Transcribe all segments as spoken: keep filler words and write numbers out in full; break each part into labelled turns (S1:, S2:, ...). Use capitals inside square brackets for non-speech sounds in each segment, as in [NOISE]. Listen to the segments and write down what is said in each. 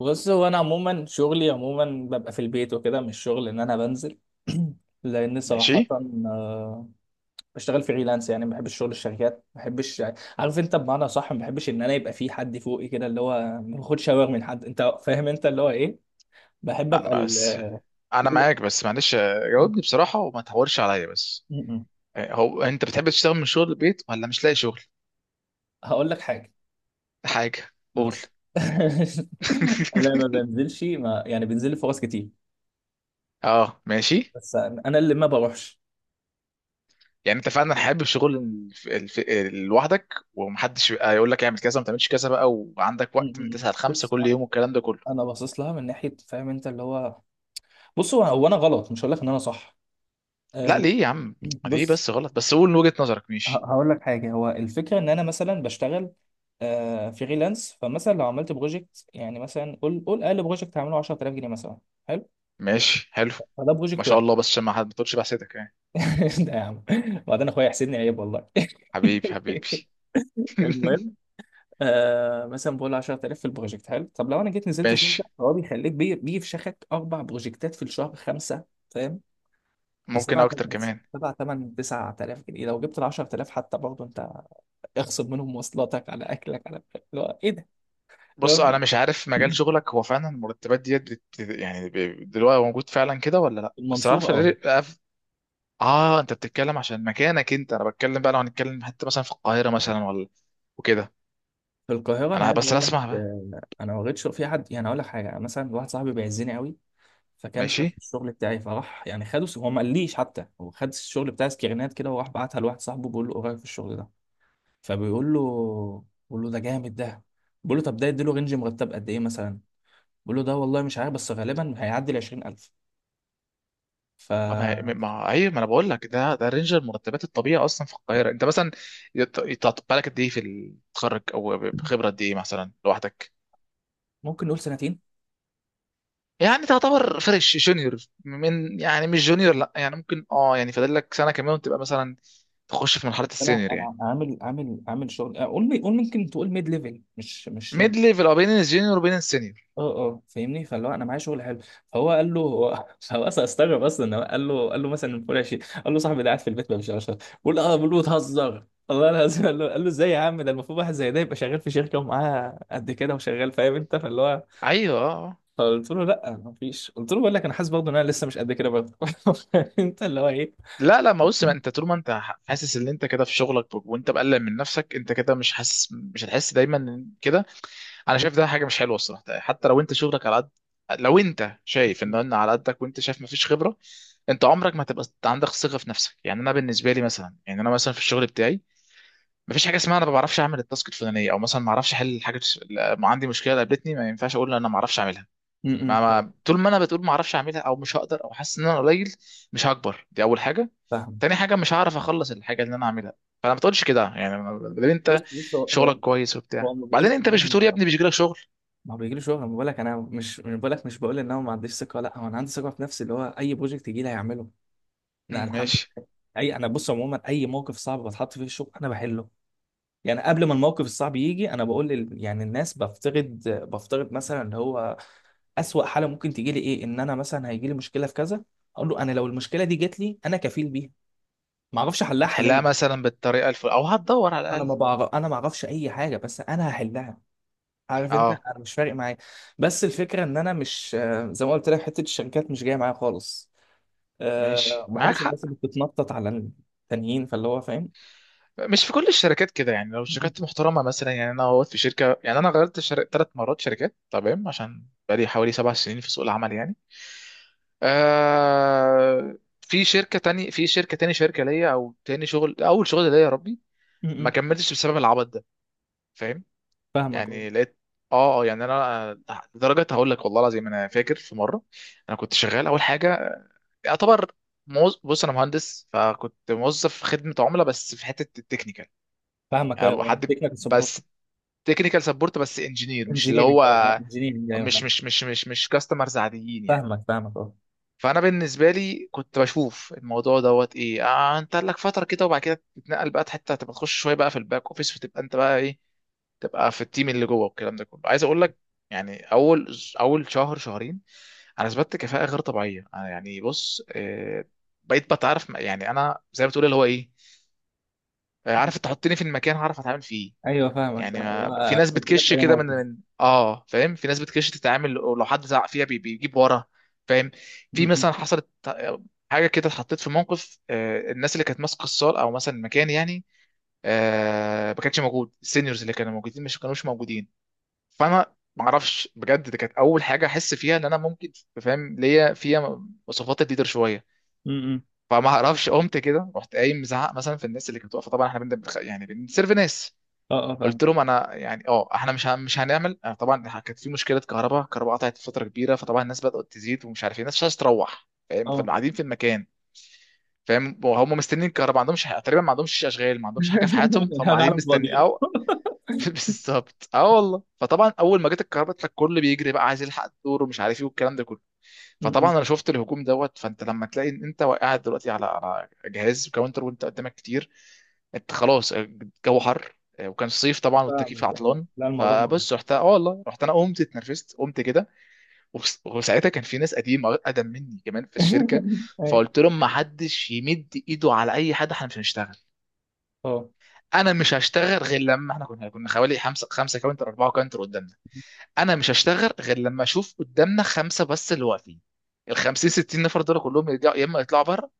S1: بص، هو انا عموما شغلي عموما ببقى في البيت وكده، مش شغل ان انا بنزل. [CLEARS THROAT] لان صراحه
S2: ماشي.
S1: آه، بشتغل فريلانس. يعني ما بحبش شغل الشركات، ما بحبش. عارف انت بمعنى صح، ما بحبش ان انا يبقى في حد فوقي كده، اللي هو ما باخدش اوامر من حد، انت فاهم انت اللي هو ايه. بحب
S2: ما
S1: ابقى
S2: ما- بس
S1: ال...
S2: انا
S1: م-
S2: معاك، بس معلش. آه، جاوبني بصراحه وما تحورش عليا بس.
S1: م.
S2: آه، هو انت بتحب تشتغل من شغل البيت ولا مش لاقي شغل؟
S1: هقول لك حاجه.
S2: حاجه، قول.
S1: بص. [LAUGHS] انا ما
S2: [LAUGHS]
S1: بنزلش، ما يعني بنزل لي فرص كتير،
S2: اه ماشي.
S1: بس انا اللي ما بروحش.
S2: يعني انت فعلا حابب شغل الف... الف... لوحدك ومحدش يبقى يقول لك اعمل كذا وما تعملش كذا بقى، وعندك
S1: م-
S2: وقت من
S1: م- م.
S2: تسعة ل خمسة
S1: بص
S2: كل
S1: انا
S2: يوم والكلام ده كله؟
S1: أنا باصص لها من ناحيه، فاهم انت اللي هو. بص هو هو انا غلط، مش هقول لك ان انا صح.
S2: لا
S1: آه،
S2: ليه يا عم؟ ليه
S1: بص.
S2: بس غلط؟ بس قول وجهة نظرك.
S1: ه-
S2: ماشي،
S1: هقول لك حاجه. هو الفكره ان انا مثلا بشتغل آه، فريلانس. فمثلا لو عملت بروجكت، يعني مثلا قول قول اقل بروجكت هعمله عشر آلاف جنيه مثلا. حلو،
S2: ماشي حلو.
S1: فده
S2: ما
S1: بروجكت
S2: شاء
S1: واحد.
S2: الله، بس عشان ما حد ما تقولش بحسدك يعني.
S1: [LAUGHS] ده يا عم، وبعدين اخويا يحسدني عيب والله. [LAUGHS]
S2: حبيبي حبيبي. [LAUGHS]
S1: المهم، آه مثلا بقول له عشرة آلاف في البروجكت حلو. طب لو انا جيت نزلت شركه،
S2: ماشي،
S1: فهو بيخليك بي- بيفشخك اربع بروجكتات في الشهر، خمسه، فاهم؟ ب
S2: ممكن
S1: سبعة،
S2: اكتر كمان.
S1: سبعة تمانية تسعة آلاف جنيه. لو جبت ال عشرة آلاف حتى، برضه انت اخصم منهم مواصلاتك على اكلك على اللي هو ايه ده،
S2: بص انا
S1: فاهم؟
S2: مش عارف مجال شغلك، هو فعلا المرتبات ديت بت... يعني ب- دلوقتي موجود فعلا كده ولا لا؟ بس
S1: المنصورة.
S2: عارف
S1: [CLEARS THROAT] اه.
S2: الري- أف- اه انت بتتكلم عشان مكانك انت، انا بتكلم بقى لو هنتكلم حتى مثلا في القاهره مثلا ولا وكده.
S1: في القاهرة أنا
S2: انا
S1: عايز
S2: بس
S1: أقول لك،
S2: اسمع بقى.
S1: آه، أنا ما لقيتش في حد. يعني أقول لك حاجة، مثلا واحد صاحبي بيعزني قوي، فكان شاف
S2: ماشي.
S1: الشغل بتاعي، فراح يعني خده، هو ما قاليش حتى. هو خد الشغل بتاعي سكرينات كده، وراح بعتها لواحد صاحبه، بيقول له إيه رأيك في الشغل ده. فبيقول له، بيقول له ده جامد ده. بيقول له، طب ده يديله رينج مرتب قد إيه مثلا. بيقول له، ده والله مش عارف، بس غالبا هيعدي ال عشرين ألف.
S2: ما ما
S1: فممكن
S2: ما- ايوه، ما انا بقول لك ده، ده رينج المرتبات الطبيعي اصلا في القاهره. انت مثلا يت- يتعطى بالك قد ايه في التخرج، او خبره قد ايه مثلا لوحدك؟
S1: نقول سنتين.
S2: يعني تعتبر فريش جونيور، من يعني مش جونيور، لا يعني ممكن اه، يعني فاضل لك سنه كمان وتبقى مثلا تخش في مرحله
S1: انا
S2: السينيور يعني.
S1: انا عامل عامل عامل شغل، آه، قول لي، قول ممكن تقول ميد ليفل، مش مش جون.
S2: ميد ليفل او بين الجونيور وبين السينيور.
S1: اه اه فاهمني، فاللي هو انا معايا شغل حلو. فهو قال له هو [LAUGHS] هو اصلا استغرب اصلا، إن هو قال له قال له مثلا فوق عشرين. قال له صاحبي ده قاعد في البيت ما بيشتغلش. بقول اه، بقول له بتهزر والله العظيم. قال له قال له ازاي يا عم، ده المفروض واحد زي ده يبقى شغال في شركه ومعاه قد كده وشغال، فاهم انت فاللي هو.
S2: ايوه آه.
S1: فقلت له، لا ما فيش. قلت له، بقول لك انا حاسس برضه ان انا لسه مش قد كده برضه. [LAUGHS] انت اللي هو ايه. [LAUGHS]
S2: لا لا. ما بص، ما انت طول ما انت ح- حاسس ان انت كده في شغلك، وانت مقلق من نفسك، انت كده مش حاسس، مش هتحس دايما إن كده. انا شايف ده حاجه مش حلوه الصراحه يعني. حتى لو انت شغلك على قد، لو انت شايف ان انا على قدك، وانت شايف مفيش خبره، انت عمرك ما هتبقى عندك ثقه في نفسك يعني. انا بالنسبه لي مثلا، يعني انا مثلا في الشغل بتاعي، مفيش حاجه اسمها انا ما بعرفش اعمل التاسك الفلانيه، او مثلا ما اعرفش احل حاجه. ما عندي مشكله قابلتني ما ينفعش اقول انا ما اعرفش اعملها.
S1: م-
S2: ما,
S1: م.
S2: ما طول ما انا بتقول ما اعرفش اعملها، او مش هقدر، او حاسس ان انا قليل، مش هكبر. دي اول حاجه.
S1: فاهم.
S2: تاني حاجه، مش هعرف اخلص الحاجه اللي انا عاملها. فانا ما تقولش كده يعني. ما- ما دام
S1: بص
S2: انت
S1: بص هو هو
S2: شغلك كويس
S1: هو
S2: وبتاع،
S1: ما
S2: بعدين
S1: بقولش
S2: انت
S1: ان انا
S2: مش
S1: مش
S2: بتقول يا
S1: بعرف.
S2: ابني مش جالك شغل.
S1: ما هو بيجي لي شغل. ما بقولك انا مش مش بقولك، مش بقول ان انا ما عنديش ثقه. لا، هو انا عندي ثقه في نفسي، اللي هو اي بروجكت يجي لي هيعمله. لا
S2: مم،
S1: الحمد
S2: ماشي.
S1: لله. اي انا بص، عموما اي موقف صعب بتحط فيه الشغل انا بحله. يعني قبل ما الموقف الصعب يجي، انا بقول لل... يعني الناس، بفترض بفترض مثلا اللي هو اسوأ حاله ممكن تيجي لي ايه، ان انا مثلا هيجي لي مشكله في كذا. اقول له، انا لو المشكله دي جت لي، انا كفيل بيها. ما اعرفش احلها
S2: هتحلها
S1: حاليا،
S2: مثلا بالطريقه الفل، او هتدور على
S1: انا
S2: الاقل.
S1: ما بعرف، انا ما اعرفش اي حاجه، بس انا هحلها. عارف انت،
S2: اه
S1: انا مش فارق معايا. بس الفكره ان انا مش آه، زي ما قلت لك، حته الشركات مش جايه معايا خالص. أه،
S2: ماشي،
S1: ما
S2: معاك
S1: بحبش الناس
S2: حق.
S1: اللي بتتنطط على التانيين، فاللي هو فاهم.
S2: مش في كل الشركات كده يعني، لو
S1: م-م.
S2: شركات محترمه مثلا. يعني انا وقت في شركه، يعني انا غيرت شر... ثلاث مرات شركات، تمام؟ عشان بقالي حوالي سبع سنين في سوق العمل يعني. آه... في شركه تاني، في شركه تاني، شركه ليا او تاني شغل، اول شغل ليا يا ربي، ما
S1: م-م.
S2: كملتش بسبب العبط ده، فاهم؟
S1: فاهمك اه.
S2: يعني لقيت، اه اه. يعني انا آه، لدرجه هقول لك والله العظيم، انا فاكر في مره، انا كنت شغال اول حاجه، يعتبر موز... بص انا مهندس، فكنت موظف في خدمه عملاء بس في حته التكنيكال.
S1: فاهمك
S2: يعني
S1: ايوه،
S2: حد
S1: تكنيكال سبورت،
S2: بس تكنيكال سبورت، بس انجينير، مش اللي
S1: انجينيرنج،
S2: هو
S1: اه انجينيرنج. ايوه
S2: مش
S1: فاهم.
S2: مش مش مش مش كاستمرز عاديين يعني.
S1: فاهمك فاهمك اه.
S2: فانا بالنسبه لي كنت بشوف الموضوع دوت ايه، آه انت لك فتره كده وبعد كده تتنقل بقى حته، تبقى تخش شويه بقى في الباك اوفيس، وتبقى انت بقى ايه، تبقى في التيم اللي جوه والكلام ده كله. عايز اقول لك، يعني اول اول شهر شهرين انا اثبتت كفاءه غير طبيعيه. أنا يعني بص، آه، بقيت بتعرف يعني. انا زي ما بتقول اللي هو ايه، آه، عارف تحطني في المكان هعرف اتعامل فيه.
S1: ايوه فاهمك
S2: يعني
S1: فاهمك.
S2: ما في
S1: اه،
S2: ناس
S1: كنت في
S2: بتكش
S1: اي
S2: كده من
S1: موقف.
S2: من اه فاهم. في ناس بتكش تتعامل ولو حد زعق فيها بي- بيجيب ورا، فاهم؟ في
S1: م-م.
S2: مثلا حصلت حاجه كده، اتحطيت في موقف. آه، الناس اللي كانت ماسكه الصال او مثلا المكان يعني، آه، ما كانش موجود، السينيورز اللي كانوا موجودين مش كانوش موجودين. فانا ما اعرفش بجد، دي كانت اول حاجه احس فيها ان انا ممكن، فاهم، ليا فيها مواصفات الليدر شويه.
S1: م-م.
S2: فما اعرفش، قمت كده رحت قايم مزعق مثلا في الناس اللي كانت واقفه. طبعا احنا بنبخ... يعني بنسيرف ناس.
S1: اه اه فاهم
S2: قلت لهم انا يعني اه احنا مش هن- مش هنعمل، آه، طبعا كانت في مشكله كهرباء، الكهرباء قطعت فتره كبيره، فطبعا الناس بدات تزيد، ومش عارف ايه، الناس مش عايزه تروح، فاهم؟
S1: اه.
S2: فقاعدين في المكان، فاهم. هم مستنيين الكهرباء، ما عندهمش حاجة، تقريبا ما عندهمش اشغال، ما عندهمش حاجه في حياتهم،
S1: [LAUGHS]
S2: فهم قاعدين
S1: العالم
S2: مستني
S1: فاضي.
S2: او.
S1: [LAUGHS]
S2: [LAUGHS] بالظبط، اه والله. فطبعا اول ما جت الكهرباء، الكل بيجري بقى عايز يلحق الدور، ومش عارف ايه والكلام ده كله. فطبعا
S1: م-م.
S2: انا شفت الهجوم دوت. فانت لما تلاقي ان انت قاعد دلوقتي على على جهاز كاونتر، وانت قدامك كتير، انت خلاص. آه، الجو حر، آه، وكان صيف طبعا والتكييف
S1: فاهمك ايوه،
S2: عطلان.
S1: لا الموضوع مؤلم.
S2: فبص، رحت اه والله، رحت انا قمت اتنرفزت، قمت كده وبس- وساعتها كان في ناس قديمه، اقدم مني كمان في الشركه.
S1: [LAUGHS] ايوه
S2: فقلت لهم ما حدش يمد ايده على اي حد، احنا مش هنشتغل.
S1: اه
S2: انا مش هشتغل غير لما، احنا كنا كنا حوالي خمسه، خمسه كاونتر اربعه كاونتر قدامنا. انا مش هشتغل غير لما اشوف قدامنا خمسه بس اللي واقفين. ال خمسين ستين نفر دول كلهم يرجعوا، يا اما يطلعوا بره،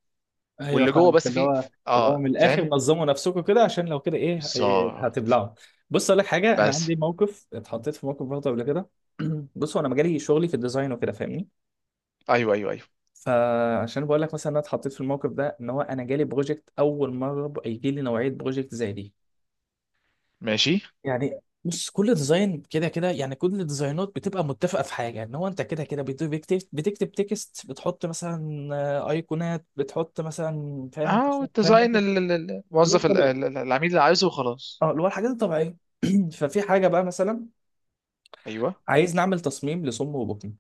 S1: ايوه،
S2: واللي جوه
S1: فاهمك
S2: بس
S1: اللي
S2: فيه،
S1: هو، اللي هو
S2: اه
S1: من الاخر
S2: فاهم.
S1: نظموا نفسكم كده، عشان لو كده، ايه إيه
S2: بالظبط.
S1: هتبلعوا. بص اقول لك حاجه، انا
S2: بس،
S1: عندي موقف، اتحطيت في موقف برضه قبل كده. [CLEARS THROAT] بص، هو انا مجالي شغلي في الديزاين وكده، فاهمني.
S2: ايوه ايوه ايوه.
S1: فعشان بقول لك مثلا، انا اتحطيت في الموقف ده ان هو انا جالي بروجكت اول مره ب- يجي لي نوعيه بروجكت زي دي.
S2: ماشي.
S1: يعني بص، كل ديزاين كده كده، يعني كل الديزاينات بتبقى متفقه في حاجه، ان هو انت كده كده بت- بتكتب بتكتب تكست، بتحط مثلا آه، ايقونات، بتحط مثلا فاهم انت
S2: اه،
S1: شوية- فاهم انت.
S2: والديزاين ال- ال- ال- الموظف، ال-
S1: بالظبط.
S2: ال- ال- العميل اللي عايزه وخلاص.
S1: اه، اللي هو الحاجات الطبيعيه. [CLEARS THROAT] ففي حاجه بقى مثلا،
S2: ايوه.
S1: عايز نعمل تصميم لصم وبطن.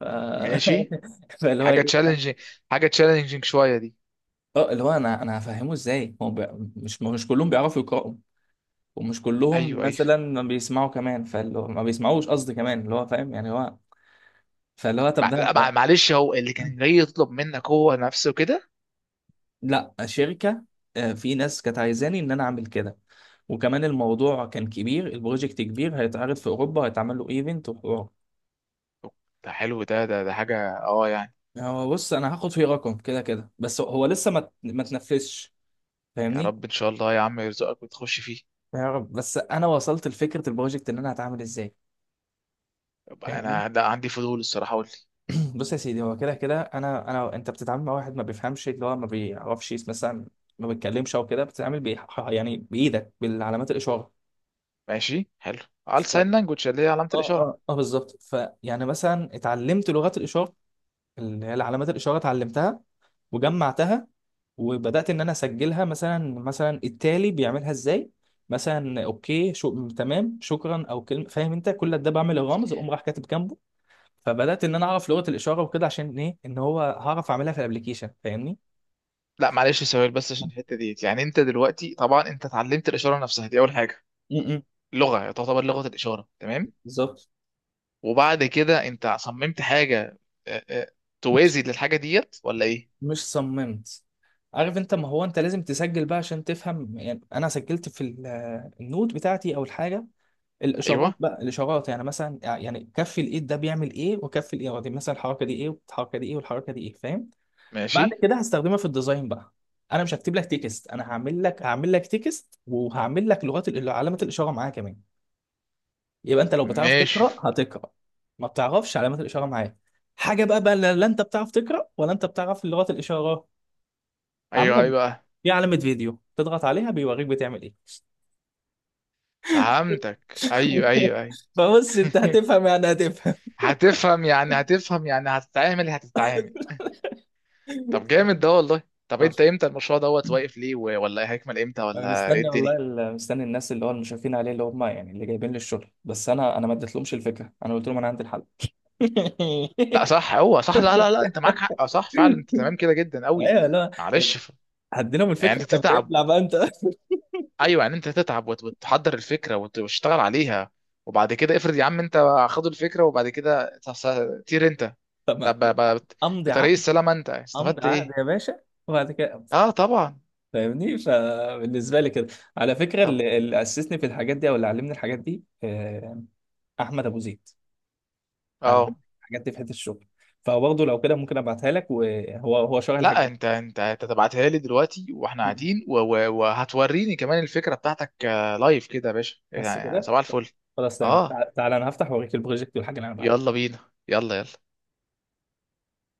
S1: ف...
S2: م- ماشي.
S1: [LAUGHS] فاللي هو
S2: حاجه
S1: ايه.
S2: تشالنجينج، حاجه تشالنجينج شويه دي.
S1: اه، اللي هو انا انا هفهمه ازاي هو بي... مش مش كلهم بيعرفوا يقراوا، ومش كلهم
S2: ايوه ايوه.
S1: مثلا ما بيسمعوا كمان، فاللي هو ما بيسمعوش قصدي كمان، اللي هو فاهم يعني هو. فاللي هو طب
S2: مع-
S1: ده
S2: لا
S1: ده-
S2: مع- معلش، هو اللي كان جاي يطلب منك هو نفسه كده؟
S1: لا، شركه. آه، في ناس كانت عايزاني ان انا اعمل كده. وكمان الموضوع كان كبير، البروجكت كبير هيتعرض في اوروبا، هيتعمل له ايفنت وحوار.
S2: ده حلو، ده ده ده حاجة اه يعني.
S1: هو بص، انا هاخد فيه رقم كده كده، بس هو لسه ما ما تنفذش،
S2: يا
S1: فاهمني.
S2: رب ان شاء الله يا عم يرزقك وتخش فيه.
S1: يا رب. بس انا وصلت لفكره البروجكت ان انا هتعامل ازاي،
S2: يبقى
S1: فاهمني.
S2: انا ده عندي فضول الصراحة، قول لي.
S1: [CLEARS THROAT] بص يا سيدي، هو كده كده انا انا انت بتتعامل مع واحد ما بيفهمش، اللي هو ما بيعرفش يس- مثلا ما بيتكلمش او كده. بتتعامل بي... يعني بايدك، بالعلامات الاشاره.
S2: ماشي حلو، على
S1: ف...
S2: ساين لانجوج اللي هي علامة
S1: اه
S2: الإشارة.
S1: اه اه بالظبط. فيعني مثلا اتعلمت لغات الاشاره، اللي هي العلامات الإشارة، اتعلمتها وجمعتها. وبدأت إن أنا أسجلها، مثلا مثلا التالي بيعملها إزاي، مثلا أوكي، شو، تمام، شكرا، أو كلمة فاهم أنت، كل ده بعمل الرمز أقوم راح كاتب جنبه. فبدأت إن أنا أعرف لغة الإشارة وكده، عشان إيه؟ إن هو هعرف أعملها في الأبليكيشن، فاهمني.
S2: لا معلش، سؤال بس عشان الحتة ديت. يعني انت دلوقتي طبعا انت اتعلمت الإشارة نفسها، دي اول حاجة،
S1: م- م.
S2: لغة، تعتبر لغة الإشارة، تمام.
S1: بالظبط.
S2: وبعد كده انت صممت حاجة، آه، آه،
S1: مش
S2: توازي للحاجة ديت ولا ايه؟
S1: مش صممت. عارف انت، ما هو انت لازم تسجل بقى عشان تفهم. يعني انا سجلت في ال- النوت بتاعتي او الحاجه،
S2: ايوه،
S1: الاشارات بقى. الاشارات يعني مثلا، يعني كف الايد ده بيعمل ايه، وكف الايد دي مثلا، الحركه دي ايه، والحركه دي ايه، والحركه دي ايه، فاهم.
S2: ماشي،
S1: بعد كده هستخدمها في الديزاين بقى. انا مش هكتب لك تكست، انا هعمل لك هعمل لك تكست، وهعمل لك لغات ال- علامات الاشاره معاه كمان. يبقى انت، لو بتعرف
S2: ماشي.
S1: تقرا هتقرا، ما بتعرفش علامات الاشاره معاه حاجه بقى. بقى لا لا، انت بتعرف تقرا، ولا انت بتعرف لغات الاشاره؟ هعمل
S2: ايوه
S1: لك
S2: ايوه،
S1: في علامه فيديو تضغط عليها بيوريك بتعمل ايه.
S2: فهمتك، ايوه
S1: [LAUGHS]
S2: ايوه ايوه.
S1: فبص، انت
S2: [LAUGHS]
S1: هتفهم يعني هتفهم.
S2: هتفهم يعني هتفهم، يعني هتتعامل هتتعامل. طب جامد ده والله. طب انت
S1: [LAUGHS]
S2: امتى المشروع دوت واقف ليه، و- ولا ايه هيكمل امتى،
S1: انا
S2: ولا ايه
S1: مستني والله
S2: الدنيا؟
S1: ال- مستني الناس، اللي هو المشرفين عليه، اللي هم يعني اللي جايبين لي الشغل. بس انا انا ما اديتلهمش الفكره. انا قلت لهم انا عندي الحل.
S2: لا صح، هو صح، لا لا لا، انت معاك حق، صح فعلا، انت
S1: [LAUGHS]
S2: تمام كده جدا قوي.
S1: ايوه لا،
S2: معلش ف...
S1: هديلهم
S2: يعني
S1: الفكره
S2: انت
S1: طب
S2: تتعب،
S1: ابلع بقى انت. [LAUGHS]
S2: ايوه يعني انت تتعب وت- وتحضر الفكره وت- وتشتغل عليها، وبعد كده افرض يا عم انت خد الفكره، وبعد كده ت- س- طير انت.
S1: طب ما-
S2: طب
S1: لا،
S2: ب- ب-
S1: امضي
S2: بطريق
S1: عقد.
S2: السلامه انت
S1: امضي
S2: استفدت
S1: عقد
S2: ايه؟
S1: يا باشا، وبعد كده أمضي.
S2: اه طبعا.
S1: فاهمني. فبالنسبه لي كده، على فكره
S2: طب
S1: اللي, اللي اسسني في الحاجات دي، او اللي علمني الحاجات دي، آه، احمد ابو زيد. علمني
S2: اه،
S1: الحاجات دي في حته الشغل، فبرضه لو كده ممكن ابعتها لك، وهو هو شغال الحاجات
S2: لا انت انت انت تبعتها لي دلوقتي واحنا
S1: دي.
S2: قاعدين، و- و- وهتوريني كمان الفكره بتاعتك آه، لايف كده يا باشا،
S1: بس
S2: يعني
S1: كده.
S2: صباح الفل.
S1: خلاص تمام،
S2: اه،
S1: تع- تعالى انا هفتح واوريك البروجكت والحاجه اللي انا
S2: يلا
S1: بعملها
S2: بينا، يلا يلا.